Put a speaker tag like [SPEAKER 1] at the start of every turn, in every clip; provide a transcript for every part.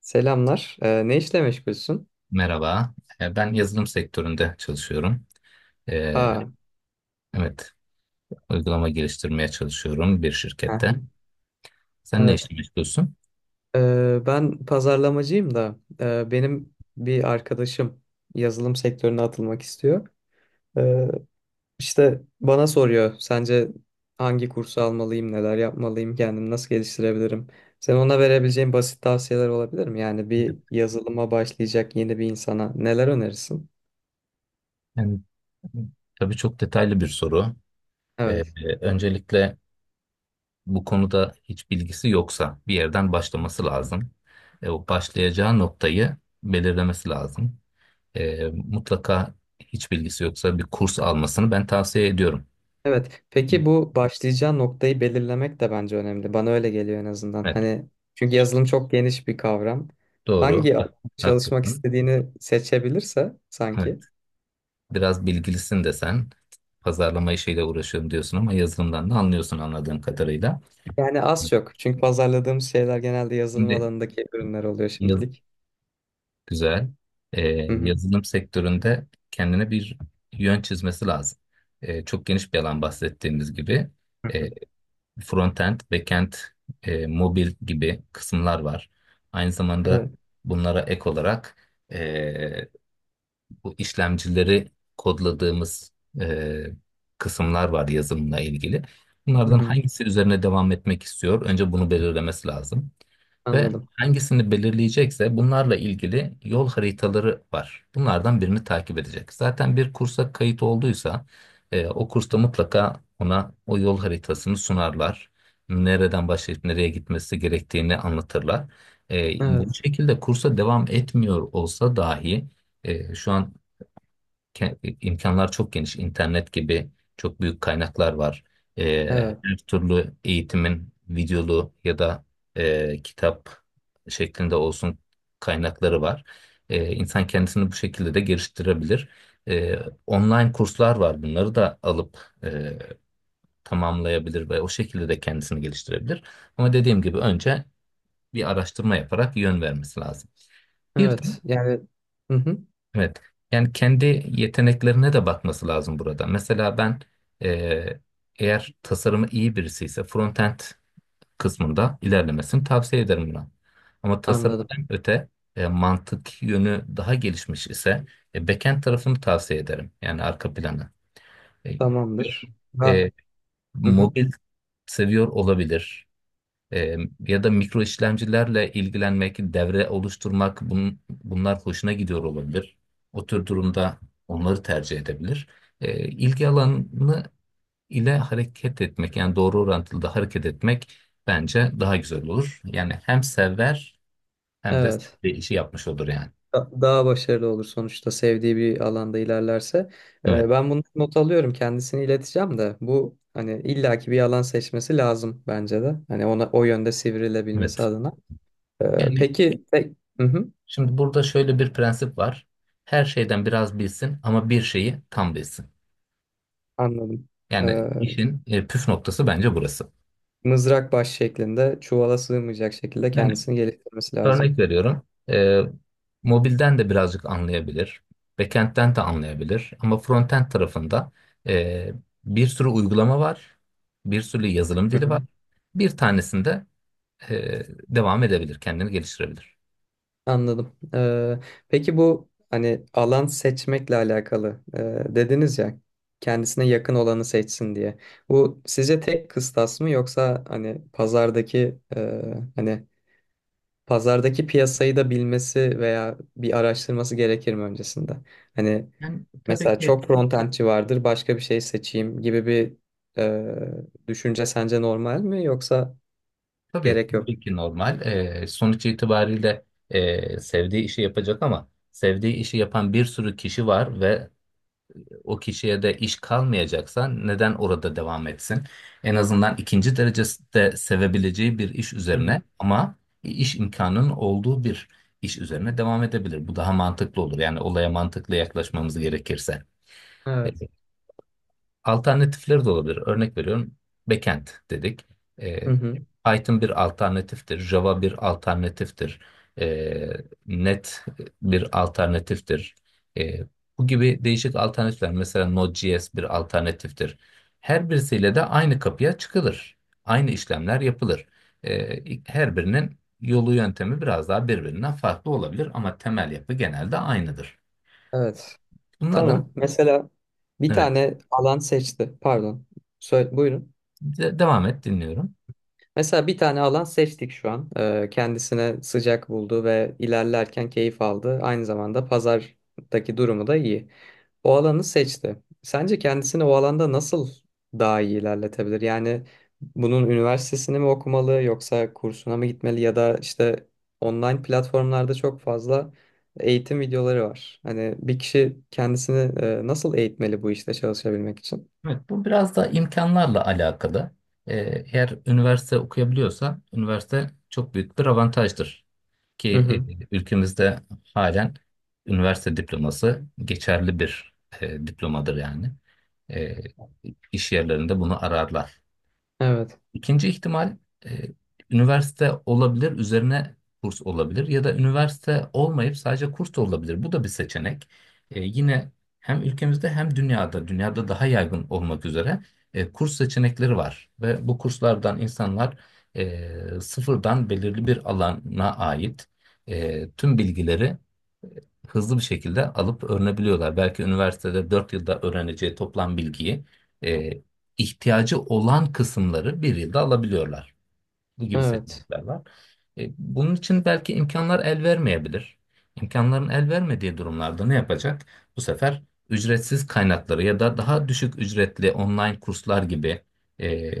[SPEAKER 1] Selamlar. Ne işle meşgulsün?
[SPEAKER 2] Merhaba. Ben yazılım sektöründe çalışıyorum. Ee,
[SPEAKER 1] Aa,
[SPEAKER 2] evet, uygulama geliştirmeye çalışıyorum bir
[SPEAKER 1] aha,
[SPEAKER 2] şirkette. Sen ne
[SPEAKER 1] evet.
[SPEAKER 2] işle meşgulsün?
[SPEAKER 1] Ben pazarlamacıyım da benim bir arkadaşım yazılım sektörüne atılmak istiyor. Ee, işte bana soruyor, sence hangi kursu almalıyım, neler yapmalıyım, kendimi nasıl geliştirebilirim? Sen ona verebileceğin basit tavsiyeler olabilir mi? Yani bir
[SPEAKER 2] Evet.
[SPEAKER 1] yazılıma başlayacak yeni bir insana neler önerirsin?
[SPEAKER 2] Yani, tabii çok detaylı bir soru. Ee,
[SPEAKER 1] Evet.
[SPEAKER 2] öncelikle bu konuda hiç bilgisi yoksa bir yerden başlaması lazım. O başlayacağı noktayı belirlemesi lazım. Mutlaka hiç bilgisi yoksa bir kurs almasını ben tavsiye ediyorum.
[SPEAKER 1] Evet. Peki bu başlayacağı noktayı belirlemek de bence önemli. Bana öyle geliyor en azından.
[SPEAKER 2] Evet,
[SPEAKER 1] Hani çünkü yazılım çok geniş bir kavram.
[SPEAKER 2] doğru.
[SPEAKER 1] Hangi alanda çalışmak
[SPEAKER 2] Haklısın.
[SPEAKER 1] istediğini seçebilirse sanki.
[SPEAKER 2] Evet. Biraz bilgilisin desen pazarlama işiyle uğraşıyorum diyorsun ama yazılımdan da anlıyorsun anladığım kadarıyla.
[SPEAKER 1] Yani az çok. Çünkü pazarladığımız şeyler genelde yazılım
[SPEAKER 2] Şimdi
[SPEAKER 1] alanındaki ürünler oluyor
[SPEAKER 2] yaz,
[SPEAKER 1] şimdilik.
[SPEAKER 2] güzel. Ee,
[SPEAKER 1] Hı hı.
[SPEAKER 2] Yazılım sektöründe kendine bir yön çizmesi lazım. Çok geniş bir alan bahsettiğimiz gibi.
[SPEAKER 1] Hı
[SPEAKER 2] Ee,
[SPEAKER 1] hı.
[SPEAKER 2] Frontend, backend, mobil gibi kısımlar var. Aynı zamanda
[SPEAKER 1] Evet.
[SPEAKER 2] bunlara ek olarak e, bu işlemcileri kodladığımız e, kısımlar var yazılımla ilgili.
[SPEAKER 1] Hı
[SPEAKER 2] Bunlardan
[SPEAKER 1] hı.
[SPEAKER 2] hangisi üzerine devam etmek istiyor? Önce bunu belirlemesi lazım. Ve
[SPEAKER 1] Anladım.
[SPEAKER 2] hangisini belirleyecekse bunlarla ilgili yol haritaları var. Bunlardan birini takip edecek. Zaten bir kursa kayıt olduysa o kursta mutlaka ona o yol haritasını sunarlar. Nereden başlayıp nereye gitmesi gerektiğini anlatırlar.
[SPEAKER 1] Evet.
[SPEAKER 2] Bu şekilde kursa devam etmiyor olsa dahi şu an imkanlar çok geniş. İnternet gibi çok büyük kaynaklar var. Ee,
[SPEAKER 1] Evet.
[SPEAKER 2] Her türlü eğitimin videolu ya da kitap şeklinde olsun kaynakları var. İnsan kendisini bu şekilde de geliştirebilir. Ee, Online kurslar var. Bunları da alıp tamamlayabilir ve o şekilde de kendisini geliştirebilir. Ama dediğim gibi önce bir araştırma yaparak yön vermesi lazım. Bir de
[SPEAKER 1] Evet. Yani hı hı.
[SPEAKER 2] evet. Yani kendi yeteneklerine de bakması lazım burada. Mesela ben eee, eğer tasarımı iyi birisi ise frontend kısmında ilerlemesini tavsiye ederim buna. Ama
[SPEAKER 1] Anladım.
[SPEAKER 2] tasarımdan öte mantık yönü daha gelişmiş ise backend tarafını tavsiye ederim. Yani arka planı. E,
[SPEAKER 1] Tamamdır. Ha.
[SPEAKER 2] e,
[SPEAKER 1] Hı hı.
[SPEAKER 2] Mobil seviyor olabilir. Ee, Ya da mikro işlemcilerle ilgilenmek, devre oluşturmak bunlar hoşuna gidiyor olabilir. O tür durumda onları tercih edebilir. İlgi alanı ile hareket etmek yani doğru orantılı da hareket etmek bence daha güzel olur. Yani hem sever hem de
[SPEAKER 1] Evet.
[SPEAKER 2] sevdiği işi yapmış olur yani.
[SPEAKER 1] Daha başarılı olur sonuçta sevdiği bir alanda ilerlerse.
[SPEAKER 2] Evet,
[SPEAKER 1] Ben bunu not alıyorum kendisini ileteceğim de bu hani illaki bir alan seçmesi lazım bence de. Hani ona o yönde sivrilebilmesi
[SPEAKER 2] evet.
[SPEAKER 1] adına. Ee,
[SPEAKER 2] Yani
[SPEAKER 1] peki te- Hı hı,
[SPEAKER 2] şimdi burada şöyle bir prensip var. Her şeyden biraz bilsin ama bir şeyi tam bilsin.
[SPEAKER 1] anladım.
[SPEAKER 2] Yani
[SPEAKER 1] Ee,
[SPEAKER 2] işin püf noktası bence burası.
[SPEAKER 1] Mızrak baş şeklinde çuvala sığmayacak şekilde
[SPEAKER 2] Yani
[SPEAKER 1] kendisini geliştirmesi
[SPEAKER 2] örnek
[SPEAKER 1] lazım.
[SPEAKER 2] veriyorum. Mobilden de birazcık anlayabilir. Backend'den de anlayabilir. Ama frontend tarafında ee, bir sürü uygulama var. Bir sürü yazılım
[SPEAKER 1] Hı
[SPEAKER 2] dili
[SPEAKER 1] hı.
[SPEAKER 2] var. Bir tanesinde ee, devam edebilir. Kendini geliştirebilir.
[SPEAKER 1] Anladım. Peki bu hani alan seçmekle alakalı dediniz ya kendisine yakın olanı seçsin diye. Bu sizce tek kıstas mı yoksa hani pazardaki hani pazardaki piyasayı da bilmesi veya bir araştırması gerekir mi öncesinde? Hani
[SPEAKER 2] Yani tabii
[SPEAKER 1] mesela
[SPEAKER 2] ki
[SPEAKER 1] çok frontendçi vardır başka bir şey seçeyim gibi bir düşünce sence normal mi yoksa gerek yok?
[SPEAKER 2] tabii ki normal. Sonuç itibariyle sevdiği işi yapacak ama sevdiği işi yapan bir sürü kişi var ve o kişiye de iş kalmayacaksa neden orada devam etsin? En azından ikinci derecede sevebileceği bir iş
[SPEAKER 1] Hı
[SPEAKER 2] üzerine
[SPEAKER 1] hı.
[SPEAKER 2] ama iş imkanının olduğu bir iş üzerine devam edebilir. Bu daha mantıklı olur. Yani olaya mantıklı yaklaşmamız gerekirse.
[SPEAKER 1] Evet.
[SPEAKER 2] Alternatifleri de olabilir. Örnek veriyorum. Backend dedik.
[SPEAKER 1] Hı
[SPEAKER 2] Ee,
[SPEAKER 1] hı.
[SPEAKER 2] Python bir alternatiftir. Java bir alternatiftir. Ee, Net bir alternatiftir. Ee, Bu gibi değişik alternatifler. Mesela Node.js bir alternatiftir. Her birisiyle de aynı kapıya çıkılır. Aynı işlemler yapılır. Ee, Her birinin yolu yöntemi biraz daha birbirinden farklı olabilir ama temel yapı genelde aynıdır.
[SPEAKER 1] Evet.
[SPEAKER 2] Bunların
[SPEAKER 1] Tamam. Mesela bir
[SPEAKER 2] evet,
[SPEAKER 1] tane alan seçti. Pardon. Söyle, buyurun.
[SPEAKER 2] devam et, dinliyorum.
[SPEAKER 1] Mesela bir tane alan seçtik şu an. Kendisine sıcak buldu ve ilerlerken keyif aldı. Aynı zamanda pazardaki durumu da iyi. O alanı seçti. Sence kendisini o alanda nasıl daha iyi ilerletebilir? Yani bunun üniversitesini mi okumalı yoksa kursuna mı gitmeli ya da işte online platformlarda çok fazla eğitim videoları var. Hani bir kişi kendisini nasıl eğitmeli bu işte çalışabilmek için?
[SPEAKER 2] Evet, bu biraz da imkanlarla alakalı. Ee, Eğer üniversite okuyabiliyorsa üniversite çok büyük bir avantajdır.
[SPEAKER 1] Hı
[SPEAKER 2] Ki
[SPEAKER 1] hı.
[SPEAKER 2] ülkemizde halen üniversite diploması geçerli bir diplomadır yani. E, iş yerlerinde bunu ararlar.
[SPEAKER 1] Evet,
[SPEAKER 2] İkinci ihtimal e, üniversite olabilir, üzerine kurs olabilir ya da üniversite olmayıp sadece kurs da olabilir. Bu da bir seçenek. Yine hem ülkemizde hem dünyada, dünyada daha yaygın olmak üzere kurs seçenekleri var ve bu kurslardan insanlar sıfırdan belirli bir alana ait tüm bilgileri e, hızlı bir şekilde alıp öğrenebiliyorlar. Belki üniversitede 4 yılda öğreneceği toplam bilgiyi e, ihtiyacı olan kısımları bir yılda alabiliyorlar. Bu gibi
[SPEAKER 1] evet.
[SPEAKER 2] seçenekler var. Bunun için belki imkanlar el vermeyebilir. İmkanların el vermediği durumlarda ne yapacak? Bu sefer ücretsiz kaynakları ya da daha düşük ücretli online kurslar gibi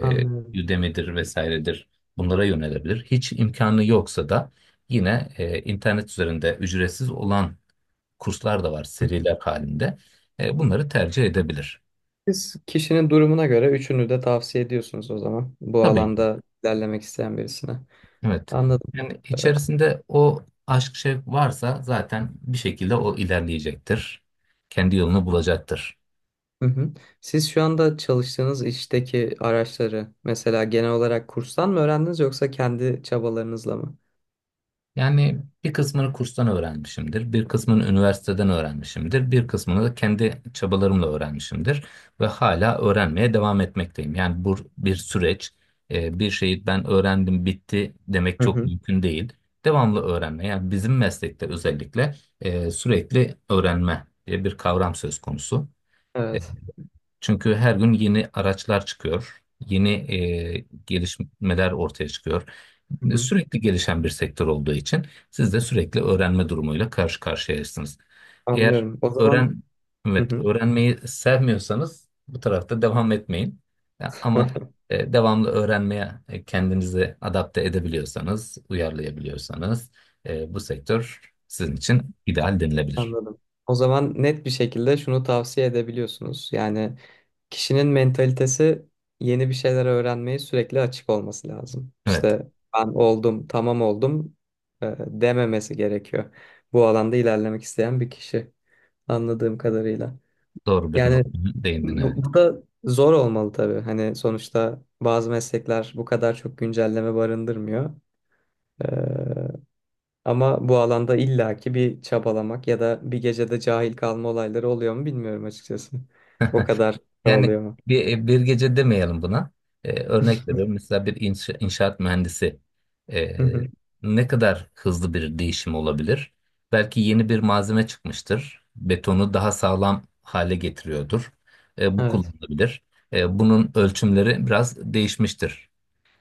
[SPEAKER 1] Anlıyorum.
[SPEAKER 2] Udemy'dir vesairedir, bunlara yönelebilir. Hiç imkanı yoksa da yine internet üzerinde ücretsiz olan kurslar da var seriler halinde. Bunları tercih edebilir.
[SPEAKER 1] Siz kişinin durumuna göre üçünü de tavsiye ediyorsunuz o zaman. Bu
[SPEAKER 2] Tabii.
[SPEAKER 1] alanda ilerlemek isteyen birisine.
[SPEAKER 2] Evet.
[SPEAKER 1] Anladım.
[SPEAKER 2] Yani
[SPEAKER 1] Ee,
[SPEAKER 2] içerisinde o aşk şevk varsa zaten bir şekilde o ilerleyecektir. Kendi yolunu bulacaktır.
[SPEAKER 1] Hı hı. Siz şu anda çalıştığınız işteki araçları mesela genel olarak kurstan mı öğrendiniz yoksa kendi çabalarınızla mı?
[SPEAKER 2] Yani bir kısmını kurstan öğrenmişimdir, bir kısmını üniversiteden öğrenmişimdir, bir kısmını da kendi çabalarımla öğrenmişimdir ve hala öğrenmeye devam etmekteyim. Yani bu bir süreç. Bir şeyi ben öğrendim, bitti demek
[SPEAKER 1] Hı
[SPEAKER 2] çok
[SPEAKER 1] hı.
[SPEAKER 2] mümkün değil. Devamlı öğrenme, yani bizim meslekte özellikle sürekli öğrenme diye bir kavram söz konusu.
[SPEAKER 1] Evet.
[SPEAKER 2] Çünkü her gün yeni araçlar çıkıyor, yeni gelişmeler ortaya çıkıyor.
[SPEAKER 1] Hı hı.
[SPEAKER 2] Sürekli gelişen bir sektör olduğu için siz de sürekli öğrenme durumuyla karşı karşıyayısınız. Eğer
[SPEAKER 1] Anlıyorum. O zaman
[SPEAKER 2] öğren,
[SPEAKER 1] hı
[SPEAKER 2] evet,
[SPEAKER 1] hı.
[SPEAKER 2] öğrenmeyi sevmiyorsanız bu tarafta devam etmeyin. Ya, ama devamlı öğrenmeye kendinizi adapte edebiliyorsanız, uyarlayabiliyorsanız bu sektör sizin için ideal denilebilir.
[SPEAKER 1] Anladım. O zaman net bir şekilde şunu tavsiye edebiliyorsunuz. Yani kişinin mentalitesi yeni bir şeyler öğrenmeye sürekli açık olması lazım.
[SPEAKER 2] Evet,
[SPEAKER 1] İşte ben oldum, tamam oldum, dememesi gerekiyor. Bu alanda ilerlemek isteyen bir kişi anladığım kadarıyla.
[SPEAKER 2] doğru bir
[SPEAKER 1] Yani
[SPEAKER 2] noktaya değindin, evet.
[SPEAKER 1] bu, da zor olmalı tabii. Hani sonuçta bazı meslekler bu kadar çok güncelleme barındırmıyor. E, Ama bu alanda illaki bir çabalamak ya da bir gecede cahil kalma olayları oluyor mu bilmiyorum açıkçası. O kadar da
[SPEAKER 2] Yani
[SPEAKER 1] oluyor mu?
[SPEAKER 2] bir gece demeyelim buna. Örnek veriyorum. Mesela bir inşaat mühendisi
[SPEAKER 1] Hı
[SPEAKER 2] ee,
[SPEAKER 1] hı.
[SPEAKER 2] ne kadar hızlı bir değişim olabilir? Belki yeni bir malzeme çıkmıştır. Betonu daha sağlam hale getiriyordur. Bu
[SPEAKER 1] Evet.
[SPEAKER 2] kullanılabilir. Bunun ölçümleri biraz değişmiştir.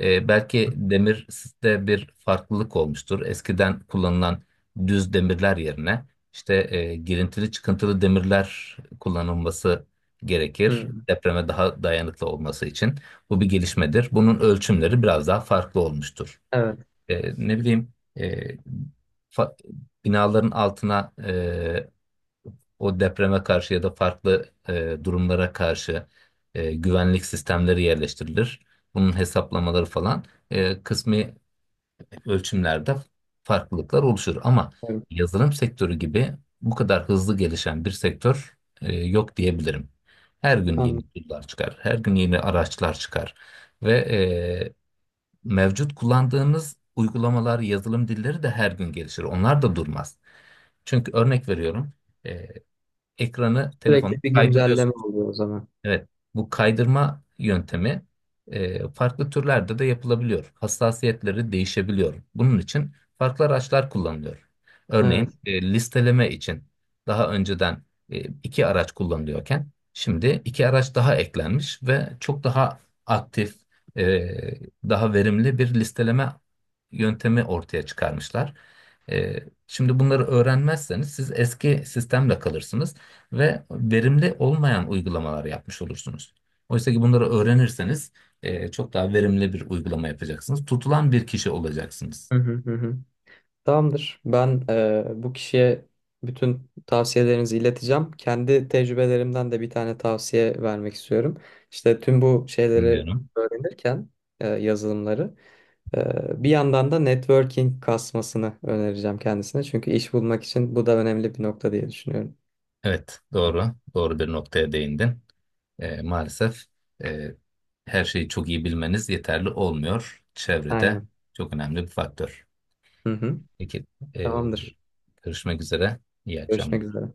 [SPEAKER 2] Belki demir de bir farklılık olmuştur. Eskiden kullanılan düz demirler yerine işte girintili çıkıntılı demirler kullanılması gerekir.
[SPEAKER 1] Hı.
[SPEAKER 2] Depreme daha dayanıklı olması için. Bu bir gelişmedir. Bunun ölçümleri biraz daha farklı olmuştur.
[SPEAKER 1] Evet,
[SPEAKER 2] Ne bileyim fa- binaların altına o depreme karşı ya da farklı durumlara karşı güvenlik sistemleri yerleştirilir. Bunun hesaplamaları falan kısmi ölçümlerde farklılıklar oluşur. Ama
[SPEAKER 1] evet.
[SPEAKER 2] yazılım sektörü gibi bu kadar hızlı gelişen bir sektör yok diyebilirim. Her gün yeni
[SPEAKER 1] Anladım.
[SPEAKER 2] tool'lar çıkar, her gün yeni araçlar çıkar ve mevcut kullandığımız uygulamalar, yazılım dilleri de her gün gelişir. Onlar da durmaz. Çünkü örnek veriyorum. e, Ekranı telefonu
[SPEAKER 1] Sürekli bir güncelleme
[SPEAKER 2] kaydırıyorsunuz.
[SPEAKER 1] oluyor o zaman.
[SPEAKER 2] Evet, bu kaydırma yöntemi farklı türlerde de yapılabiliyor. Hassasiyetleri değişebiliyor. Bunun için farklı araçlar kullanılıyor.
[SPEAKER 1] Evet.
[SPEAKER 2] Örneğin listeleme için daha önceden iki araç kullanılıyorken şimdi iki araç daha eklenmiş ve çok daha aktif, e, daha verimli bir listeleme yöntemi ortaya çıkarmışlar. E, Şimdi bunları öğrenmezseniz siz eski sistemle kalırsınız ve verimli olmayan uygulamalar yapmış olursunuz. Oysa ki bunları öğrenirseniz çok daha verimli bir uygulama yapacaksınız. Tutulan bir kişi olacaksınız.
[SPEAKER 1] Hı hı hı. Hı. Tamamdır. Ben bu kişiye bütün tavsiyelerinizi ileteceğim. Kendi tecrübelerimden de bir tane tavsiye vermek istiyorum. İşte tüm bu şeyleri
[SPEAKER 2] Biliyorum.
[SPEAKER 1] öğrenirken yazılımları bir yandan da networking kasmasını önereceğim kendisine. Çünkü iş bulmak için bu da önemli bir nokta diye düşünüyorum.
[SPEAKER 2] Evet, doğru. Doğru bir noktaya değindin. Maalesef e, her şeyi çok iyi bilmeniz yeterli olmuyor. Çevrede
[SPEAKER 1] Aynen.
[SPEAKER 2] çok önemli bir faktör.
[SPEAKER 1] Hı hı.
[SPEAKER 2] Peki, e,
[SPEAKER 1] Tamamdır.
[SPEAKER 2] görüşmek üzere. İyi
[SPEAKER 1] Görüşmek
[SPEAKER 2] akşamlar.
[SPEAKER 1] üzere.